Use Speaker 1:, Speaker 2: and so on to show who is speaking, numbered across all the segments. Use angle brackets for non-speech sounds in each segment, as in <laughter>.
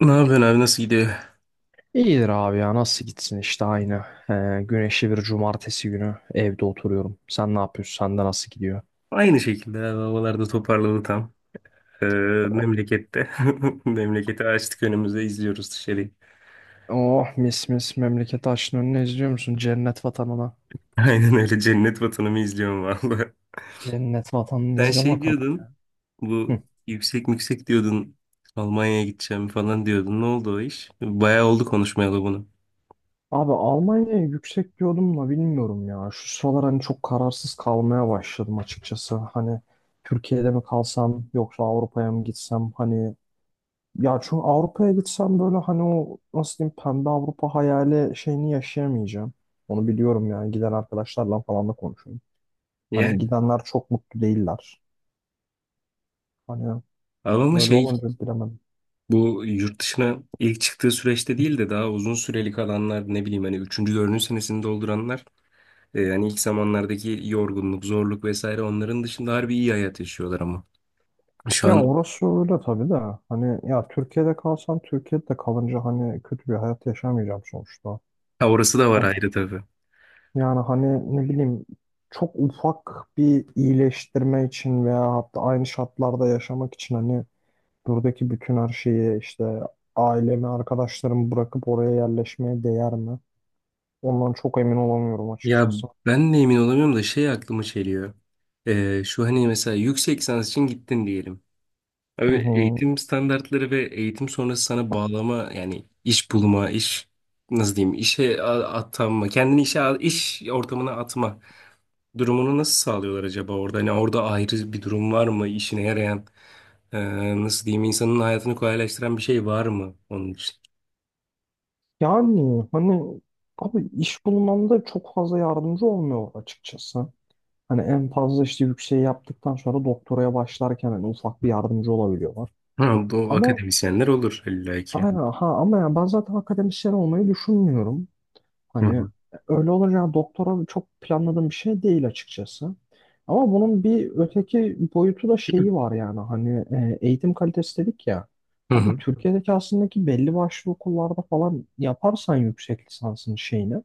Speaker 1: Ne yapıyorsun abi, nasıl gidiyor?
Speaker 2: İyidir abi ya nasıl gitsin işte aynı. Güneşli bir cumartesi günü evde oturuyorum. Sen ne yapıyorsun? Sende nasıl gidiyor?
Speaker 1: Aynı şekilde abi, havalarda toparladı tam. Ee, Memlekette. <laughs> Memleketi açtık önümüze, izliyoruz dışarıyı.
Speaker 2: Oh mis mis memleket açtın önüne izliyor musun? Cennet vatanına.
Speaker 1: <laughs> Aynen öyle, cennet vatanımı izliyorum vallahi.
Speaker 2: Cennet vatanını
Speaker 1: Sen
Speaker 2: izle
Speaker 1: şey
Speaker 2: bakalım,
Speaker 1: diyordun,
Speaker 2: ya.
Speaker 1: bu
Speaker 2: Hı.
Speaker 1: yüksek yüksek diyordun, Almanya'ya gideceğim falan diyordun. Ne oldu o iş? Bayağı oldu konuşmayalı bunu.
Speaker 2: Abi Almanya'ya yüksek diyordum da bilmiyorum ya. Şu sıralar hani çok kararsız kalmaya başladım açıkçası. Hani Türkiye'de mi kalsam yoksa Avrupa'ya mı gitsem? Hani ya çünkü Avrupa'ya gitsem böyle hani o nasıl diyeyim pembe Avrupa hayali şeyini yaşayamayacağım. Onu biliyorum yani giden arkadaşlarla falan da konuşuyorum.
Speaker 1: Ya
Speaker 2: Hani gidenler çok mutlu değiller. Hani
Speaker 1: abi, ama
Speaker 2: öyle
Speaker 1: şey,
Speaker 2: olunca bilemedim.
Speaker 1: bu yurt dışına ilk çıktığı süreçte değil de daha uzun süreli kalanlar, ne bileyim hani üçüncü dördüncü senesini dolduranlar, yani ilk zamanlardaki yorgunluk, zorluk vesaire onların dışında harbi iyi hayat yaşıyorlar ama. Şu
Speaker 2: Ya
Speaker 1: an.
Speaker 2: orası öyle tabii de hani ya Türkiye'de kalsam Türkiye'de de kalınca hani kötü bir hayat yaşamayacağım sonuçta.
Speaker 1: Ha, orası da var
Speaker 2: Hani
Speaker 1: ayrı tabii.
Speaker 2: yani hani ne bileyim çok ufak bir iyileştirme için veya hatta aynı şartlarda yaşamak için hani buradaki bütün her şeyi işte ailemi, arkadaşlarımı bırakıp oraya yerleşmeye değer mi? Ondan çok emin olamıyorum
Speaker 1: Ya
Speaker 2: açıkçası.
Speaker 1: ben de emin olamıyorum da şey aklıma geliyor. Şu hani mesela yüksek lisans için gittin diyelim.
Speaker 2: Hı
Speaker 1: Abi
Speaker 2: hı.
Speaker 1: eğitim standartları ve eğitim sonrası sana bağlama, yani iş bulma, iş, nasıl diyeyim, işe atanma, kendini iş ortamına atma. Durumunu nasıl sağlıyorlar acaba orada? Hani orada ayrı bir durum var mı? İşine yarayan, e, nasıl diyeyim, insanın hayatını kolaylaştıran bir şey var mı onun için?
Speaker 2: Yani hani abi iş bulmamda çok fazla yardımcı olmuyor açıkçası. Hani en fazla işte yükseği yaptıktan sonra doktoraya başlarken hani ufak bir yardımcı olabiliyorlar.
Speaker 1: Ha, bu
Speaker 2: Ama
Speaker 1: akademisyenler olur illa ki.
Speaker 2: aynen ha ama ya ben zaten akademisyen olmayı düşünmüyorum.
Speaker 1: Hı
Speaker 2: Hani
Speaker 1: hı.
Speaker 2: öyle olunca yani doktora çok planladığım bir şey değil açıkçası. Ama bunun bir öteki boyutu da şeyi var yani hani eğitim kalitesi dedik ya.
Speaker 1: Hı
Speaker 2: Abi
Speaker 1: hı.
Speaker 2: Türkiye'deki aslında ki belli başlı okullarda falan yaparsan yüksek lisansın şeyini,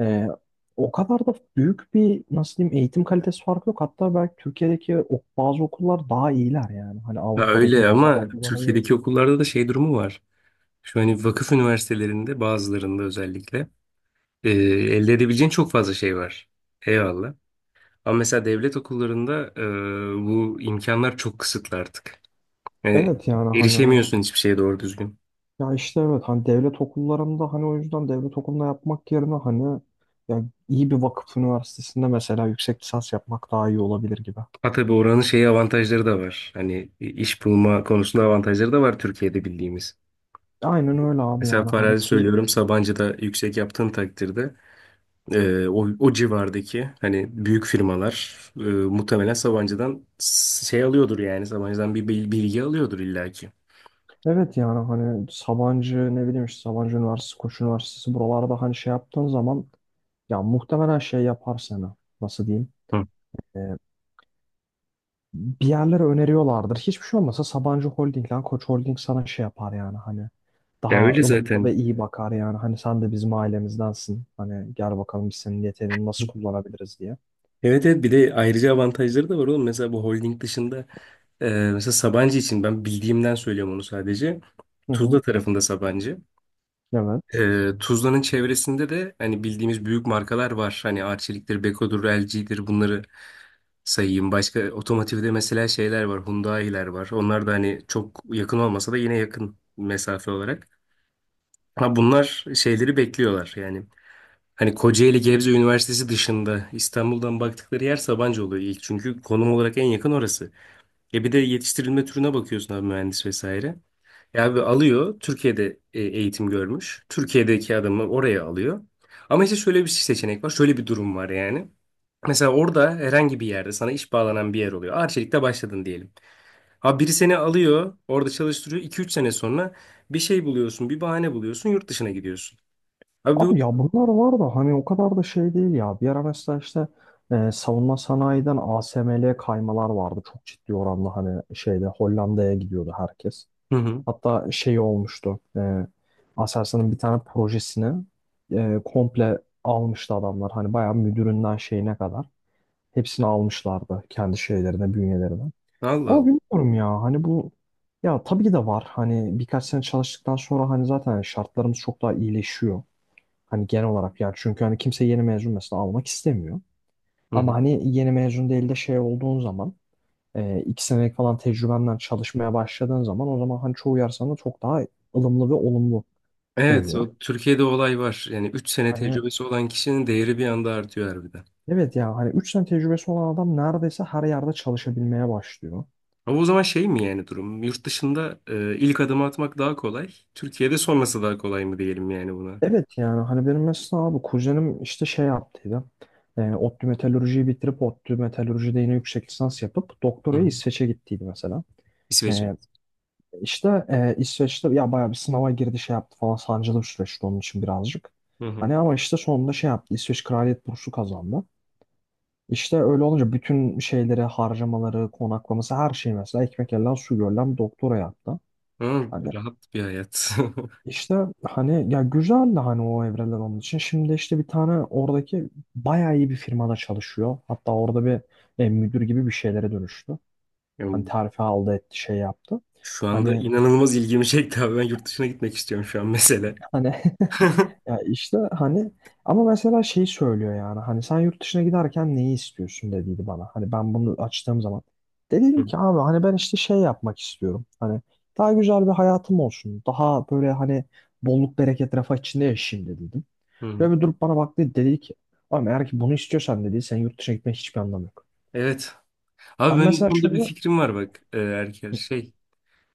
Speaker 2: e, o kadar da büyük bir nasıl diyeyim eğitim kalitesi farkı yok. Hatta belki Türkiye'deki bazı okullar daha iyiler yani. Hani
Speaker 1: Ya
Speaker 2: Avrupa'daki
Speaker 1: öyle,
Speaker 2: normal
Speaker 1: ama
Speaker 2: okullara göre.
Speaker 1: Türkiye'deki okullarda da şey durumu var. Şu hani vakıf üniversitelerinde bazılarında özellikle elde edebileceğin çok fazla şey var. Eyvallah. Ama mesela devlet okullarında, bu imkanlar çok kısıtlı artık. Yani
Speaker 2: Evet yani hani
Speaker 1: erişemiyorsun hiçbir şeye doğru düzgün.
Speaker 2: ya işte evet hani devlet okullarında hani o yüzden devlet okulunda yapmak yerine hani ya iyi bir vakıf üniversitesinde mesela yüksek lisans yapmak daha iyi olabilir gibi.
Speaker 1: Ha tabii, oranın şeyi avantajları da var. Hani, iş bulma konusunda avantajları da var Türkiye'de bildiğimiz.
Speaker 2: Aynen öyle abi
Speaker 1: Mesela
Speaker 2: yani hani
Speaker 1: farazi
Speaker 2: ki
Speaker 1: söylüyorum, Sabancı'da yüksek yaptığın takdirde, o civardaki hani büyük firmalar, muhtemelen Sabancı'dan şey alıyordur, yani Sabancı'dan bir bilgi alıyordur illaki.
Speaker 2: evet yani hani Sabancı ne bileyim işte Sabancı Üniversitesi, Koç Üniversitesi buralarda hani şey yaptığın zaman ya muhtemelen şey yapar seni. Nasıl diyeyim?
Speaker 1: Hı.
Speaker 2: Bir yerlere öneriyorlardır. Hiçbir şey olmasa Sabancı Holding lan Koç Holding sana şey yapar yani hani
Speaker 1: Ya
Speaker 2: daha
Speaker 1: öyle
Speaker 2: ılımlı
Speaker 1: zaten.
Speaker 2: ve iyi bakar yani hani sen de bizim ailemizdensin. Hani gel bakalım biz senin yeteneğini nasıl kullanabiliriz diye.
Speaker 1: Evet, evet, bir de ayrıca avantajları da var oğlum. Mesela bu holding dışında, e, mesela Sabancı için ben bildiğimden söylüyorum onu sadece.
Speaker 2: Hı
Speaker 1: Tuzla
Speaker 2: hı.
Speaker 1: tarafında Sabancı.
Speaker 2: Evet.
Speaker 1: Tuzla'nın çevresinde de hani bildiğimiz büyük markalar var. Hani Arçelik'tir, Beko'dur, LG'dir, bunları sayayım. Başka otomotivde mesela şeyler var, Hyundai'ler var. Onlar da hani çok yakın olmasa da, yine yakın mesafe olarak. Ama bunlar şeyleri bekliyorlar yani. Hani Kocaeli Gebze Üniversitesi dışında İstanbul'dan baktıkları yer Sabancı oluyor ilk. Çünkü konum olarak en yakın orası. E bir de yetiştirilme türüne bakıyorsun abi, mühendis vesaire. Ya abi, alıyor, Türkiye'de eğitim görmüş. Türkiye'deki adamı oraya alıyor. Ama işte şöyle bir seçenek var. Şöyle bir durum var yani. Mesela orada herhangi bir yerde sana iş bağlanan bir yer oluyor. Arçelik'te başladın diyelim. Abi biri seni alıyor, orada çalıştırıyor. 2 üç sene sonra bir şey buluyorsun, bir bahane buluyorsun, yurt dışına gidiyorsun. Abi
Speaker 2: Abi
Speaker 1: bu...
Speaker 2: ya bunlar var da hani o kadar da şey değil ya. Bir ara mesela işte savunma sanayiden ASML'ye kaymalar vardı. Çok ciddi oranda hani şeyde Hollanda'ya gidiyordu herkes.
Speaker 1: Hı hı.
Speaker 2: Hatta şey olmuştu. Aselsan'ın bir tane projesini komple almıştı adamlar. Hani bayağı müdüründen şeyine kadar. Hepsini almışlardı kendi şeylerine, bünyelerine.
Speaker 1: Allah
Speaker 2: Ama
Speaker 1: Allah.
Speaker 2: bilmiyorum ya hani bu ya tabii ki de var. Hani birkaç sene çalıştıktan sonra hani zaten hani şartlarımız çok daha iyileşiyor. Hani genel olarak yani çünkü hani kimse yeni mezun mesela almak istemiyor.
Speaker 1: Hı hı.
Speaker 2: Ama hani yeni mezun değil de şey olduğun zaman 2 senelik falan tecrübenden çalışmaya başladığın zaman o zaman hani çoğu yer sana çok daha ılımlı ve olumlu
Speaker 1: Evet,
Speaker 2: dönüyor.
Speaker 1: o Türkiye'de olay var. Yani 3 sene
Speaker 2: Hani
Speaker 1: tecrübesi olan kişinin değeri bir anda artıyor harbiden.
Speaker 2: evet ya hani 3 sene tecrübesi olan adam neredeyse her yerde çalışabilmeye başlıyor.
Speaker 1: Ama o zaman şey mi yani durum? Yurt dışında ilk adımı atmak daha kolay. Türkiye'de sonrası daha kolay mı diyelim yani buna?
Speaker 2: Evet yani hani benim mesela abi kuzenim işte şey yaptıydı. ODTÜ metalürjiyi bitirip ODTÜ metalürjide yine yüksek lisans yapıp
Speaker 1: Hı
Speaker 2: doktorayı
Speaker 1: hı.
Speaker 2: İsveç'e gittiydi mesela.
Speaker 1: İsveç'e.
Speaker 2: E, işte İsveç'te ya bayağı bir sınava girdi şey yaptı falan sancılı bir süreçti onun için birazcık.
Speaker 1: Hı hı.
Speaker 2: Hani ama işte sonunda şey yaptı İsveç Kraliyet Bursu kazandı. İşte öyle olunca bütün şeyleri, harcamaları, konaklaması her şey mesela ekmek elden su görülen doktora yaptı.
Speaker 1: Hı,
Speaker 2: Hani
Speaker 1: rahat bir hayat. <laughs>
Speaker 2: işte hani ya güzel de hani o evreler onun için. Şimdi işte bir tane oradaki bayağı iyi bir firmada çalışıyor. Hatta orada bir müdür gibi bir şeylere dönüştü. Hani
Speaker 1: Yani
Speaker 2: terfi aldı etti şey yaptı.
Speaker 1: şu anda
Speaker 2: Hani
Speaker 1: inanılmaz ilgimi çekti abi. Ben yurt dışına gitmek istiyorum şu an mesela.
Speaker 2: hani
Speaker 1: <laughs>
Speaker 2: <laughs>
Speaker 1: Hı.
Speaker 2: ya işte hani ama mesela şeyi söylüyor yani hani sen yurt dışına giderken neyi istiyorsun dediydi bana. Hani ben bunu açtığım zaman de dedim
Speaker 1: Hı.
Speaker 2: ki abi hani ben işte şey yapmak istiyorum. Hani daha güzel bir hayatım olsun. Daha böyle hani bolluk bereket refah içinde yaşayayım dediydim. Ve bir durup bana baktı dedi ki ama eğer ki bunu istiyorsan dedi sen yurt dışına gitmenin hiçbir anlamı yok.
Speaker 1: Evet. Abi
Speaker 2: Ben
Speaker 1: benim bu
Speaker 2: mesela
Speaker 1: konuda bir
Speaker 2: şöyle.
Speaker 1: fikrim var bak, Erker.
Speaker 2: Hı.
Speaker 1: Şey.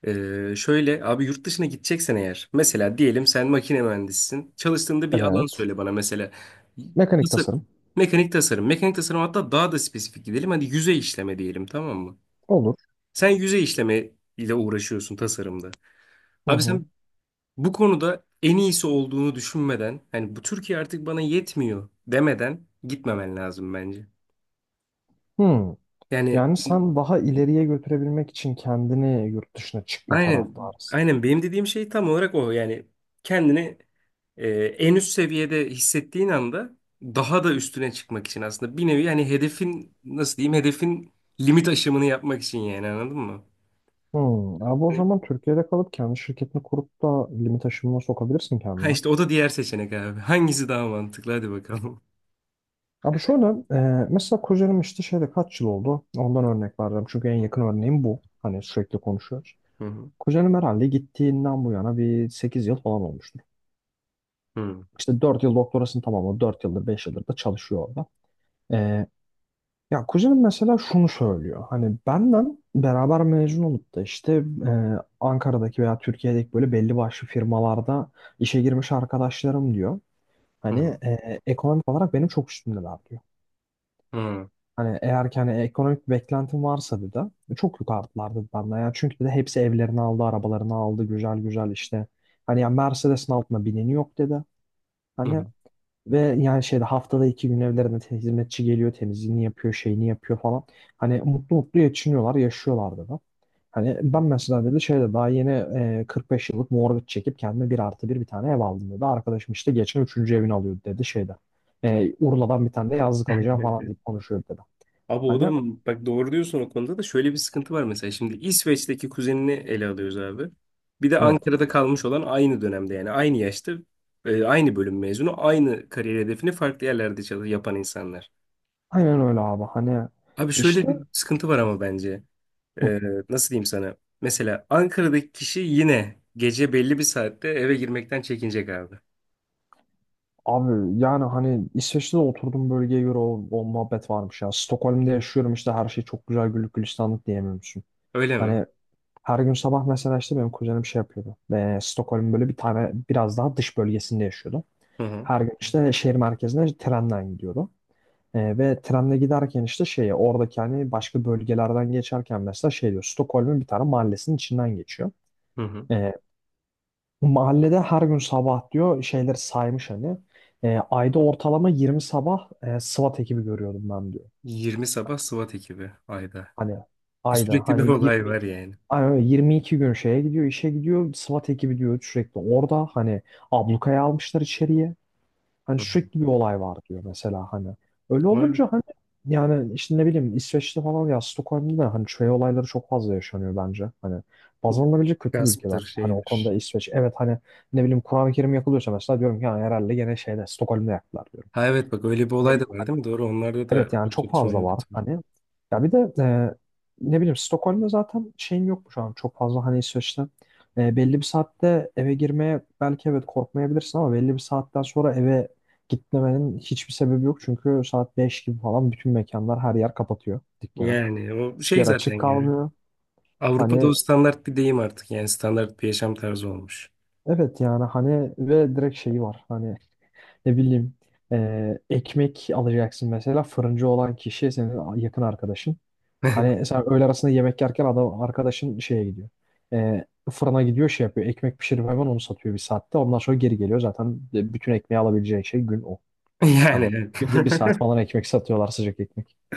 Speaker 1: Şöyle abi, yurt dışına gideceksen eğer, mesela diyelim sen makine mühendisisin, çalıştığında bir alan
Speaker 2: Evet.
Speaker 1: söyle bana, mesela
Speaker 2: Mekanik tasarım.
Speaker 1: tasarım, mekanik tasarım, mekanik tasarım, hatta daha da spesifik gidelim, hadi yüzey işleme diyelim, tamam mı?
Speaker 2: Olur.
Speaker 1: Sen yüzey işleme ile uğraşıyorsun tasarımda.
Speaker 2: Hı
Speaker 1: Abi
Speaker 2: hı.
Speaker 1: sen bu konuda en iyisi olduğunu düşünmeden, hani bu Türkiye artık bana yetmiyor demeden gitmemen lazım bence.
Speaker 2: Hı.
Speaker 1: Yani
Speaker 2: Yani sen daha ileriye götürebilmek için kendini yurt dışına çıkma
Speaker 1: aynen.
Speaker 2: taraftarısın.
Speaker 1: Aynen benim dediğim şey tam olarak o. Yani kendini en üst seviyede hissettiğin anda daha da üstüne çıkmak için aslında bir nevi, yani hedefin, nasıl diyeyim, hedefin limit aşımını yapmak için yani, anladın mı?
Speaker 2: Hmm. Abi o
Speaker 1: Yani,
Speaker 2: zaman Türkiye'de kalıp kendi şirketini kurup da limit aşımına sokabilirsin
Speaker 1: ha
Speaker 2: kendine.
Speaker 1: işte o da diğer seçenek abi. <laughs> Hangisi daha mantıklı? Hadi bakalım.
Speaker 2: Abi şöyle mesela kuzenim işte şeyde kaç yıl oldu? Ondan örnek vereceğim. Çünkü en yakın örneğim bu. Hani sürekli konuşuyoruz.
Speaker 1: Hı hı.
Speaker 2: Kuzenim herhalde gittiğinden bu yana bir 8 yıl falan olmuştur.
Speaker 1: Hı
Speaker 2: İşte 4 yıl doktorasını tamamladı. 4 yıldır 5 yıldır da çalışıyor orada. E, Ya kuzenim mesela şunu söylüyor. Hani benden beraber mezun olup da işte e, Ankara'daki veya Türkiye'deki böyle belli başlı firmalarda işe girmiş arkadaşlarım diyor.
Speaker 1: hı.
Speaker 2: Hani ekonomik olarak benim çok üstümdeler diyor.
Speaker 1: Hı hı.
Speaker 2: Hani eğer ki hani ekonomik bir beklentim varsa dedi çok yukarıdılar dedi benden. Yani çünkü de hepsi evlerini aldı, arabalarını aldı güzel güzel işte. Hani ya Mercedes'in altına bineni yok dedi.
Speaker 1: Hı
Speaker 2: Hani ve yani şeyde haftada 2 gün evlerine hizmetçi geliyor, temizliğini yapıyor, şeyini yapıyor falan. Hani mutlu mutlu geçiniyorlar, yaşıyorlardı da. Hani ben mesela dedi şeyde daha yeni 45 yıllık mortgage çekip kendime 1+1 bir tane ev aldım dedi. Arkadaşım işte geçen üçüncü evini alıyordu dedi şeyde. Urla'dan bir tane de yazlık alacağım falan
Speaker 1: hı. <laughs>
Speaker 2: deyip konuşuyordu dedi.
Speaker 1: Abi o
Speaker 2: Hani
Speaker 1: da mı? Bak, doğru diyorsun, o konuda da şöyle bir sıkıntı var mesela. Şimdi İsveç'teki kuzenini ele alıyoruz abi. Bir de
Speaker 2: evet.
Speaker 1: Ankara'da kalmış olan, aynı dönemde yani aynı yaşta, aynı bölüm mezunu, aynı kariyer hedefini farklı yerlerde çalış yapan insanlar.
Speaker 2: Aynen öyle abi. Hani
Speaker 1: Abi şöyle
Speaker 2: işte
Speaker 1: bir sıkıntı var ama bence.
Speaker 2: hı,
Speaker 1: E, Nasıl diyeyim sana? Mesela Ankara'daki kişi yine gece belli bir saatte eve girmekten çekinecek abi.
Speaker 2: abi yani hani İsveç'te de oturduğum bölgeye göre o muhabbet varmış ya. Stockholm'de yaşıyorum işte her şey çok güzel güllük gülistanlık diyemiyorum.
Speaker 1: Öyle mi?
Speaker 2: Hani her gün sabah mesela işte benim kuzenim şey yapıyordu. Ve Stockholm'un böyle bir tane biraz daha dış bölgesinde yaşıyordu.
Speaker 1: Hı hı.
Speaker 2: Her gün işte şehir merkezine trenden gidiyordu. Ve trenle giderken işte şeye oradaki hani başka bölgelerden geçerken mesela şey diyor Stockholm'un bir tane mahallesinin içinden geçiyor.
Speaker 1: Hı hı.
Speaker 2: Ee, Mahallede her gün sabah diyor şeyleri saymış hani. Ayda ortalama 20 sabah SWAT ekibi görüyordum ben diyor.
Speaker 1: 20 sabah SWAT ekibi ayda.
Speaker 2: Hani ayda
Speaker 1: Sürekli
Speaker 2: hani
Speaker 1: bir olay
Speaker 2: 22
Speaker 1: var
Speaker 2: gün.
Speaker 1: yani.
Speaker 2: Aynen öyle 22 gün şeye gidiyor, işe gidiyor. SWAT ekibi diyor sürekli orada hani ablukaya almışlar içeriye. Hani
Speaker 1: Hı hı.
Speaker 2: sürekli bir olay var diyor mesela hani. Öyle
Speaker 1: Var.
Speaker 2: olunca hani yani işte ne bileyim İsveç'te falan ya Stockholm'da da hani şey olayları çok fazla yaşanıyor bence. Hani baz alınabilecek kötü bir ülke
Speaker 1: Gasptır,
Speaker 2: bence. Hani o konuda
Speaker 1: şeydir.
Speaker 2: İsveç evet hani ne bileyim Kur'an-ı Kerim yakılıyorsa mesela diyorum ki "Ha, herhalde gene şeyde Stockholm'da yaktılar" diyorum.
Speaker 1: Ha, evet, bak öyle bir
Speaker 2: Ne
Speaker 1: olay da
Speaker 2: bileyim
Speaker 1: var
Speaker 2: hani
Speaker 1: değil mi? Doğru, onlarda da
Speaker 2: evet yani
Speaker 1: çok
Speaker 2: çok
Speaker 1: çatışma
Speaker 2: fazla
Speaker 1: yok.
Speaker 2: var hani. Ya bir de ne bileyim Stockholm'da zaten şeyin yok mu şu an çok fazla hani İsveç'te belli bir saatte eve girmeye belki evet korkmayabilirsin ama belli bir saatten sonra eve gitmemenin hiçbir sebebi yok. Çünkü saat 5 gibi falan bütün mekanlar her yer kapatıyor dükkanı.
Speaker 1: Yani o
Speaker 2: Hiçbir
Speaker 1: şey
Speaker 2: yer
Speaker 1: zaten
Speaker 2: açık
Speaker 1: yani.
Speaker 2: kalmıyor.
Speaker 1: Avrupa'da
Speaker 2: Hani
Speaker 1: o standart bir deyim artık. Yani standart bir yaşam tarzı olmuş.
Speaker 2: evet yani hani ve direkt şeyi var hani ne bileyim ekmek alacaksın mesela fırıncı olan kişi senin yakın arkadaşın.
Speaker 1: <laughs>
Speaker 2: Hani sen öğle arasında yemek yerken adam arkadaşın şeye gidiyor. Ee, Fırına gidiyor şey yapıyor. Ekmek pişirip hemen onu satıyor bir saatte. Ondan sonra geri geliyor. Zaten bütün ekmeği alabileceği şey gün o. Hani
Speaker 1: Yani.
Speaker 2: günde bir saat
Speaker 1: <laughs>
Speaker 2: falan ekmek satıyorlar sıcak ekmek.